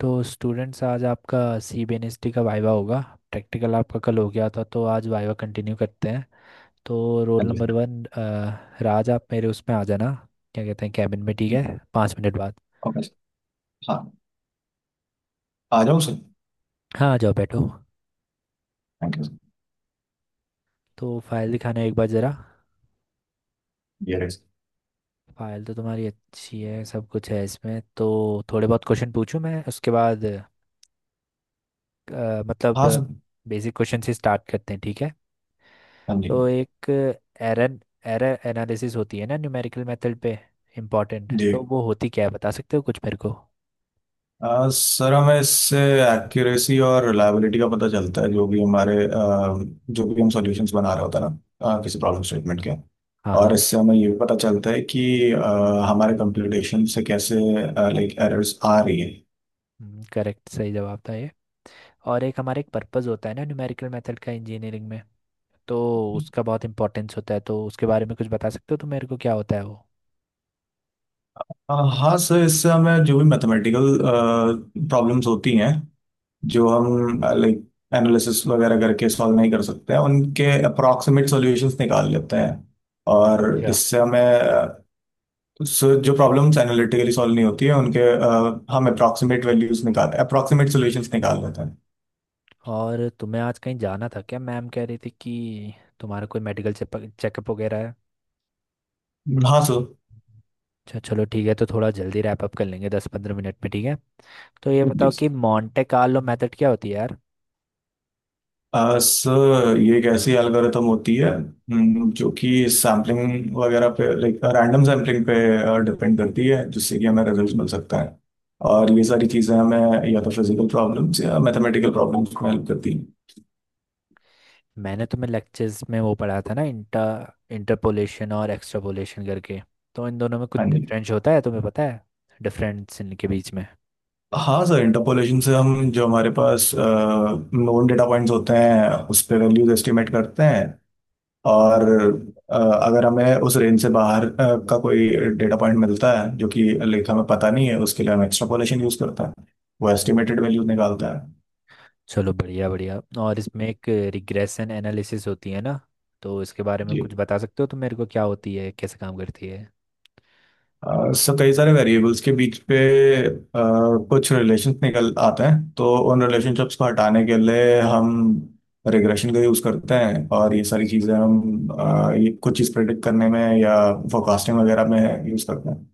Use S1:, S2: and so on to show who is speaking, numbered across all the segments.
S1: तो स्टूडेंट्स आज आपका C B N S T का वाइवा होगा। प्रैक्टिकल आपका कल हो गया था, तो आज वाइवा कंटिन्यू करते हैं। तो रोल नंबर
S2: and
S1: 1, राज, आप मेरे उसमें आ जाना, क्या कहते हैं, कैबिन में। ठीक है, 5 मिनट बाद।
S2: okay, हाँ। आ जाऊँ सर।
S1: हाँ, आ जाओ, बैठो।
S2: थैंक
S1: तो फाइल दिखाना एक बार ज़रा।
S2: यू। यस।
S1: फाइल तो तुम्हारी अच्छी है, सब कुछ है इसमें तो। थोड़े बहुत क्वेश्चन पूछूं मैं उसके बाद,
S2: हाँ
S1: मतलब
S2: सर।
S1: बेसिक क्वेश्चन से स्टार्ट करते हैं, ठीक है।
S2: हाँ जी।
S1: तो एक एरर एरर एनालिसिस होती है ना न्यूमेरिकल मेथड पे, इम्पॉर्टेंट।
S2: जी।
S1: तो वो होती क्या है, बता सकते हो कुछ मेरे को?
S2: सर हमें इससे एक्यूरेसी और रिलायबिलिटी का पता चलता है जो भी हमारे जो भी हम सॉल्यूशंस बना रहे होते हैं ना, किसी प्रॉब्लम स्टेटमेंट के।
S1: हाँ हाँ।
S2: और इससे हमें ये भी पता चलता है कि हमारे कंप्यूटेशन से कैसे लाइक एरर्स आ रही है।
S1: करेक्ट, सही जवाब था ये। और एक हमारा एक पर्पस होता है ना न्यूमेरिकल मेथड का इंजीनियरिंग में, तो उसका बहुत इंपॉर्टेंस होता है, तो उसके बारे में कुछ बता सकते हो तो मेरे को, क्या होता है वो?
S2: हाँ सर, इससे हमें जो भी मैथमेटिकल प्रॉब्लम्स होती हैं जो हम लाइक एनालिसिस वगैरह करके सॉल्व नहीं कर सकते हैं उनके अप्रॉक्सीमेट सॉल्यूशंस निकाल लेते हैं। और
S1: अच्छा।
S2: इससे हमें जो प्रॉब्लम्स एनालिटिकली सॉल्व नहीं होती है उनके हम अप्रॉक्सीमेट सॉल्यूशंस निकाल लेते हैं।
S1: और तुम्हें आज कहीं जाना था क्या? मैम कह रही थी कि तुम्हारा कोई मेडिकल चेकअप वगैरह है।
S2: हाँ सो।
S1: अच्छा, चलो ठीक है, तो थोड़ा जल्दी रैप अप कर लेंगे, 10-15 मिनट में, ठीक है। तो ये
S2: जी
S1: बताओ
S2: so।
S1: कि मॉन्टे कार्लो मेथड क्या होती है यार।
S2: सर ये एक ऐसी एल्गोरिथम होती है, जो कि सैम्पलिंग वगैरह पे लाइक रैंडम सैम्पलिंग पे डिपेंड करती है जिससे कि हमें रिजल्ट मिल सकता है। और ये सारी चीज़ें हमें या तो फिजिकल प्रॉब्लम्स या मैथमेटिकल प्रॉब्लम्स में हेल्प करती हैं।
S1: मैंने तुम्हें लेक्चर्स में वो पढ़ा था ना, इंटरपोलेशन और एक्सट्रापोलेशन करके। तो इन दोनों में कुछ
S2: हाँ जी।
S1: डिफरेंस होता है, तुम्हें पता है डिफरेंस इनके बीच में?
S2: हाँ सर, इंटरपोलेशन से हम जो हमारे पास नोन डेटा पॉइंट्स होते हैं उस पर वैल्यूज एस्टिमेट करते हैं। और अगर हमें उस रेंज से बाहर का कोई डेटा पॉइंट मिलता है जो कि लेखा में पता नहीं है उसके लिए हम एक्सट्रापोलेशन यूज करता है, वो एस्टिमेटेड वैल्यू निकालता है।
S1: चलो, बढ़िया बढ़िया। और इसमें एक रिग्रेशन एनालिसिस होती है ना, तो इसके बारे में
S2: जी।
S1: कुछ बता सकते हो तुम मेरे को, क्या होती है, कैसे काम करती है?
S2: सो कई सारे वेरिएबल्स के बीच पे अ, कुछ रिलेशन निकल आते हैं तो उन रिलेशनशिप्स को हटाने के लिए हम रिग्रेशन का यूज करते हैं। और ये सारी चीजें हम, ये कुछ चीज प्रेडिक्ट करने में या फोरकास्टिंग वगैरह में यूज करते हैं।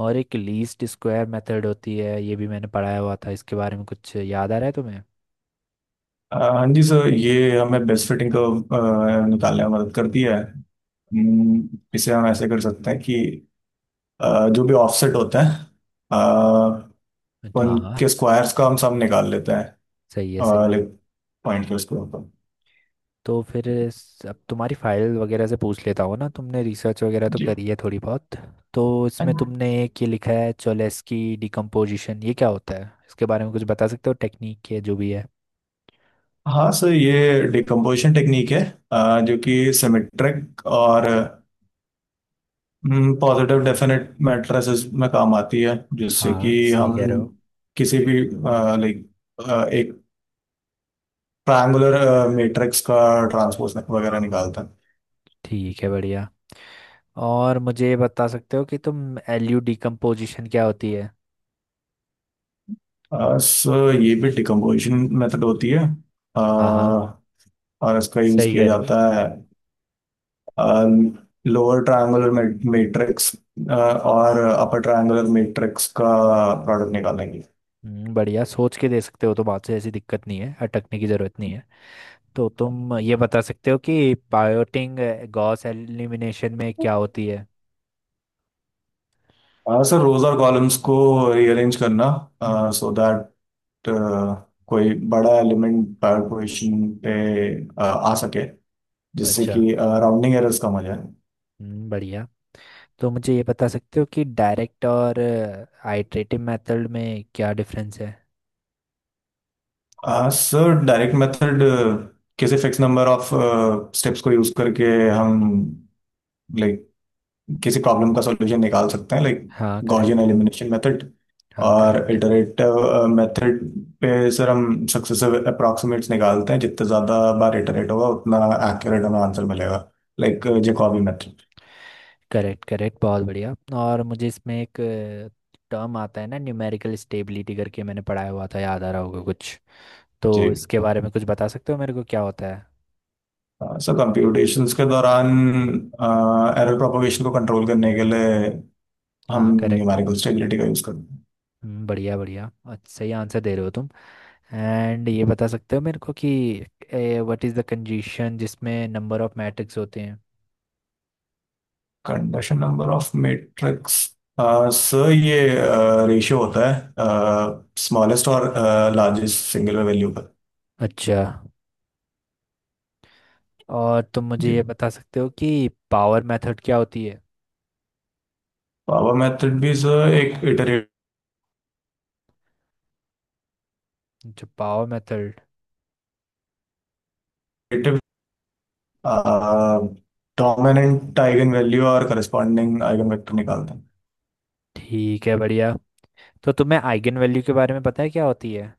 S1: और एक लीस्ट स्क्वायर मेथड होती है, ये भी मैंने पढ़ाया हुआ था, इसके बारे में कुछ याद आ रहा है तुम्हें?
S2: हाँ जी सर, ये हमें बेस्ट फिटिंग को निकालने में मदद करती है, इसे हम ऐसे कर सकते हैं कि जो भी ऑफसेट होते हैं, अ,
S1: हाँ हाँ,
S2: उनके स्क्वायर्स का हम सब निकाल लेते
S1: सही है
S2: हैं
S1: सही है।
S2: लाइक पॉइंट के स्क्वायर पर।
S1: तो फिर अब तुम्हारी फाइल वगैरह से पूछ लेता हूँ ना, तुमने रिसर्च वगैरह तो
S2: जी।
S1: करी है थोड़ी बहुत। तो इसमें तुमने एक ये लिखा है, चोलेस्की डिकम्पोजिशन, ये क्या होता है, इसके बारे में कुछ बता सकते हो टेक्निक के जो भी है?
S2: हाँ सर, ये डिकम्पोजिशन टेक्निक है, जो कि सिमेट्रिक और पॉजिटिव डेफिनेट मैट्रिसेस में काम आती है जिससे कि
S1: हाँ, सही
S2: हम
S1: कह रहे हो।
S2: किसी भी लाइक ट्रायंगुलर मैट्रिक्स का ट्रांसपोज वगैरह निकालता
S1: ठीक है, बढ़िया। और मुझे ये बता सकते हो कि तुम एलयू डिकम्पोजिशन क्या होती है?
S2: है। सो ये भी डिकम्पोजिशन मेथड होती है,
S1: हाँ हाँ,
S2: अ, और इसका यूज
S1: सही
S2: किया
S1: कह रहे हो।
S2: जाता है लोअर ट्रायंगुलर मैट्रिक्स और अपर ट्रायंगुलर मैट्रिक्स का प्रोडक्ट निकालेंगे।
S1: बढ़िया, सोच के दे सकते हो तो, बात से ऐसी दिक्कत नहीं है, अटकने की जरूरत नहीं है। तो तुम ये बता सकते हो कि पायोटिंग गॉस एलिमिनेशन में क्या होती है?
S2: सर रोज और कॉलम्स को रीअरेंज करना सो दैट कोई बड़ा एलिमेंट पोजिशन पे आ सके जिससे
S1: अच्छा।
S2: कि राउंडिंग एरर्स कम हो जाए।
S1: बढ़िया। तो मुझे ये बता सकते हो कि डायरेक्ट और आइट्रेटिव मेथड में क्या डिफरेंस है?
S2: सर डायरेक्ट मेथड किसी फिक्स नंबर ऑफ स्टेप्स को यूज करके हम लाइक किसी प्रॉब्लम का सॉल्यूशन निकाल सकते हैं लाइक
S1: हाँ,
S2: गॉसियन
S1: करेक्ट।
S2: Elimination method.
S1: हाँ,
S2: और
S1: करेक्ट
S2: इटरेटिव मेथड पे सर हम सक्सेसिव अप्रॉक्सीमेट्स निकालते हैं, जितने ज़्यादा बार इटरेट होगा उतना एक्यूरेट हमें आंसर मिलेगा like Jacobi method.
S1: Correct correct, बहुत बढ़िया। और मुझे इसमें एक टर्म आता है ना, न्यूमेरिकल स्टेबिलिटी करके, मैंने पढ़ाया हुआ था, याद आ रहा होगा कुछ। तो
S2: जी।
S1: इसके बारे में कुछ बता सकते हो मेरे को क्या होता है?
S2: सर कंप्यूटेशंस के दौरान एरर प्रोपगेशन को कंट्रोल करने के लिए हम
S1: हाँ, करेक्ट।
S2: न्यूमेरिकल स्टेबिलिटी का यूज़ करते हैं।
S1: बढ़िया बढ़िया, अच्छा, सही आंसर दे रहे हो तुम। एंड ये बता सकते हो मेरे को कि व्हाट इज़ द कंडीशन जिसमें नंबर ऑफ मैट्रिक्स होते हैं?
S2: Conduction number of matrix, sir ये रेशियो होता है स्मॉलेस्ट और लार्जेस्ट सिंगल वैल्यू का।
S1: अच्छा। और तुम मुझे
S2: जी।
S1: ये बता सकते हो कि पावर मेथड क्या होती है?
S2: पावर मेथड भी सर एक इटरेटिव
S1: जो power method
S2: dominant eigen value और करस्पॉन्डिंग आइगन वेक्टर निकालते हैं।
S1: ठीक है, बढ़िया। तो तुम्हें आइगन वैल्यू के बारे में पता है क्या होती है?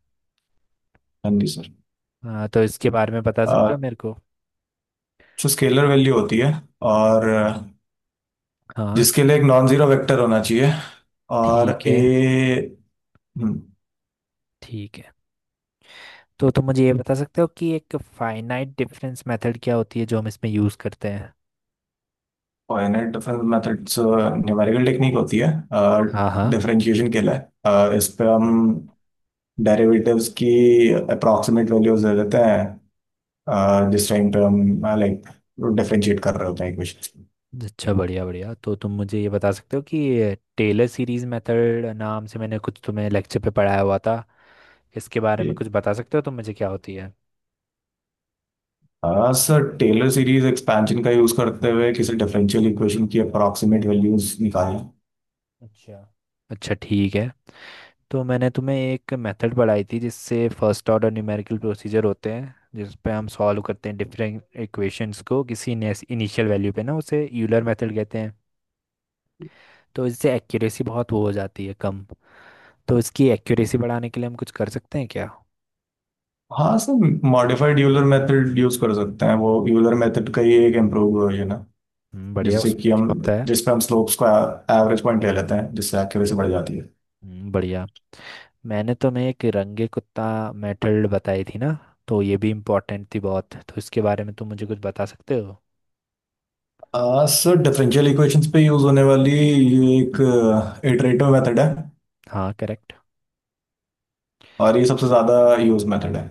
S2: हाँ जी सर।
S1: हाँ, तो इसके बारे में बता सकते
S2: अह,
S1: हो मेरे को?
S2: सो स्केलर वैल्यू होती है और,
S1: हाँ।
S2: जिसके लिए एक नॉन जीरो वेक्टर होना चाहिए और
S1: ठीक
S2: ए।
S1: है, ठीक है। तो तुम मुझे ये बता सकते हो कि एक फाइनाइट डिफरेंस मेथड क्या होती है जो हम इसमें यूज़ करते हैं?
S2: Finite difference methods numerical technique होती है
S1: हाँ हाँ।
S2: डिफरेंशिएशन के लिए। इस पे हम डेरिवेटिव्स की अप्रॉक्सीमेट वैल्यूज दे देते हैं, जिस टाइम पे हम लाइक डिफरेंशिएट कर रहे होते हैं इक्वेशन।
S1: अच्छा, बढ़िया बढ़िया। तो तुम मुझे ये बता सकते हो कि टेलर सीरीज मेथड नाम से मैंने कुछ तुम्हें लेक्चर पे पढ़ाया हुआ था, इसके बारे
S2: जी।
S1: में कुछ बता सकते हो तुम मुझे क्या होती है?
S2: हाँ सर, टेलर सीरीज एक्सपेंशन का यूज करते हुए किसी डिफरेंशियल इक्वेशन की अप्रॉक्सीमेट वैल्यूज निकालें।
S1: अच्छा। अच्छा, ठीक है। तो मैंने तुम्हें एक मेथड पढ़ाई थी जिससे फर्स्ट ऑर्डर न्यूमेरिकल प्रोसीजर होते हैं, जिस पे हम सॉल्व करते हैं डिफरेंट इक्वेशंस को, किसी इनिशियल वैल्यू पे ना, उसे यूलर मेथड कहते हैं। तो इससे एक्यूरेसी बहुत वो हो जाती है कम, तो इसकी एक्यूरेसी बढ़ाने के लिए हम कुछ कर सकते हैं क्या?
S2: हाँ sir, modified Euler method use कर सकते हैं, वो यूलर मेथड का ही एक इम्प्रूव वर्जन है।
S1: बढ़िया,
S2: जिससे कि
S1: उसमें
S2: हम
S1: क्या होता है?
S2: जिसमें हम स्लोप्स का एवरेज पॉइंट ले लेते हैं जिससे एक्यूरेसी बढ़ जाती है।
S1: बढ़िया। मैंने तुम्हें एक रंगे कुत्ता मेथड बताई थी ना, तो ये भी इम्पोर्टेंट थी बहुत, तो इसके बारे में तुम मुझे कुछ बता सकते हो?
S2: सर डिफरेंशियल इक्वेशंस पे यूज होने वाली ये एक इटरेटिव मेथड है
S1: हाँ, करेक्ट।
S2: और ये सबसे ज्यादा यूज मेथड है।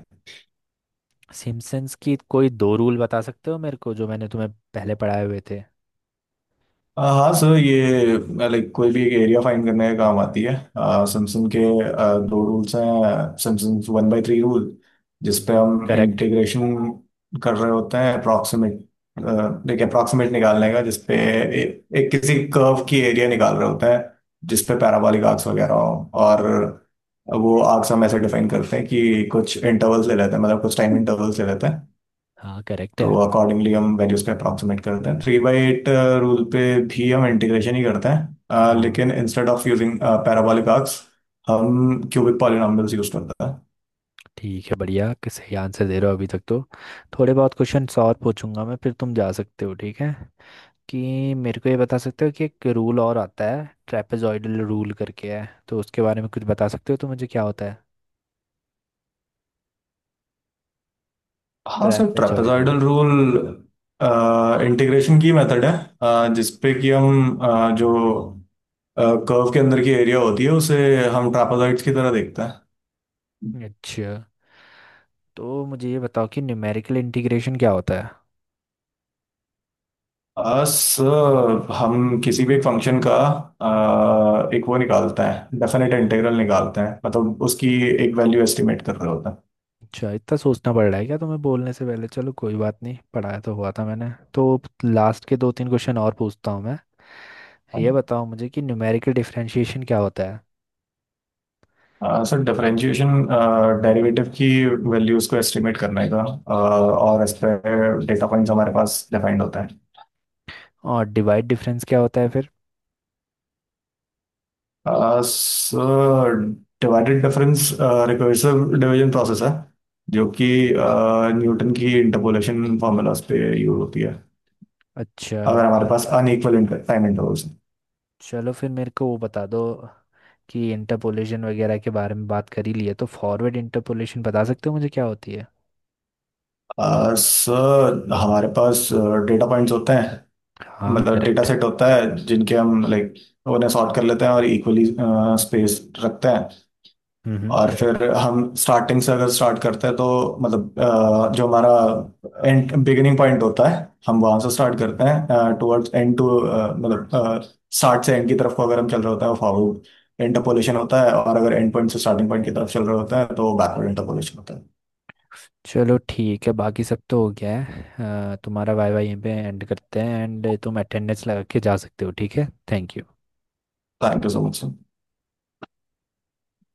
S1: सिम्पसन्स की कोई 2 रूल बता सकते हो मेरे को, जो मैंने तुम्हें पहले पढ़ाए हुए थे?
S2: हाँ सर, ये लाइक कोई भी एक एरिया फाइंड करने का काम आती है। सैमसंग के दो रूल्स हैं, Simpson's one by three rule जिसपे हम
S1: करेक्ट।
S2: इंटीग्रेशन कर रहे होते हैं अप्रॉक्सीमेट, लाइक अप्रॉक्सीमेट निकालने का जिसपे एक किसी कर्व की एरिया निकाल रहे होते हैं जिसपे पैराबोलिक आर्क्स वगैरह हो, और वो आर्क्स हम ऐसे डिफाइन करते हैं कि कुछ इंटरवल्स ले लेते हैं, मतलब कुछ टाइम इंटरवल्स ले लेते हैं।
S1: हाँ, करेक्ट
S2: तो
S1: है।
S2: अकॉर्डिंगली हम वैल्यूज पे अप्रॉक्सीमेट करते हैं। थ्री बाई एट रूल पे भी हम इंटीग्रेशन ही करते हैं,
S1: हाँ,
S2: लेकिन instead of using parabolic arcs हम क्यूबिक पॉलिनॉमियल्स यूज करते हैं।
S1: ठीक है, बढ़िया, कि सही आंसर दे रहे हो अभी तक तो। थोड़े बहुत क्वेश्चंस और पूछूंगा मैं, फिर तुम जा सकते हो, ठीक है। कि मेरे को ये बता सकते हो कि एक रूल और आता है ट्रेपेजॉइडल रूल करके है, तो उसके बारे में कुछ बता सकते हो तो मुझे क्या होता है?
S2: हाँ sir,
S1: trapezoidal.
S2: Trapezoidal rule integration की मेथड है, जिसपे कि हम जो कर्व के अंदर की एरिया होती है उसे हम ट्रापेजॉइड्स की तरह देखते हैं।
S1: अच्छा। तो मुझे ये बताओ कि न्यूमेरिकल इंटीग्रेशन क्या होता है?
S2: सर हम किसी भी एक फंक्शन का एक वो निकालते हैं, डेफिनेट इंटीग्रल निकालते हैं, मतलब उसकी एक वैल्यू एस्टिमेट कर रहे होते
S1: अच्छा, इतना सोचना पड़ रहा है क्या तुम्हें बोलने से पहले? चलो कोई बात नहीं, पढ़ाया तो हुआ था मैंने तो। लास्ट के 2-3 क्वेश्चन और पूछता हूँ मैं। ये
S2: हैं।
S1: बताओ मुझे कि न्यूमेरिकल डिफरेंशिएशन क्या होता है?
S2: सर डिफरेंशिएशन डेरिवेटिव की वैल्यूज को एस्टिमेट करने का, और इस पे डेटा पॉइंट्स हमारे पास डिफाइंड होते हैं।
S1: और डिवाइड डिफरेंस क्या होता है फिर?
S2: Sir divided difference recursive division process है जो कि न्यूटन की इंटरपोलेशन फार्मूलाज पे यूज होती है
S1: अच्छा।
S2: अगर
S1: और
S2: हमारे पास अनइक्वल टाइम इंटरवल्स।
S1: चलो फिर मेरे को वो बता दो, कि इंटरपोलेशन वगैरह के बारे में बात कर ही लिए, तो फॉरवर्ड इंटरपोलेशन बता सकते हो मुझे क्या होती है?
S2: सर हमारे पास डेटा पॉइंट्स होते हैं,
S1: हाँ,
S2: मतलब डेटा
S1: करेक्ट।
S2: सेट होता है जिनके हम लाइक उन्हें सॉर्ट कर लेते हैं और इक्वली स्पेस रखते हैं।
S1: हम्म
S2: और फिर हम स्टार्टिंग से अगर स्टार्ट करते हैं तो मतलब, जो हमारा एंड बिगिनिंग पॉइंट होता है हम वहां से स्टार्ट करते हैं टुवर्ड्स एंड टू, मतलब स्टार्ट से एंड की तरफ को अगर हम चल रहे होते हैं फॉरवर्ड इंटरपोलेशन होता है, और अगर एंड पॉइंट से स्टार्टिंग पॉइंट की तरफ चल रहे होते हैं तो बैकवर्ड इंटरपोलेशन होता है।
S1: चलो ठीक है, बाकी सब तो हो गया है। तुम्हारा वाई वाई यहीं पे एंड करते हैं, एंड तुम अटेंडेंस लगा के जा सकते हो, ठीक है, thank you.
S2: Thank you so much.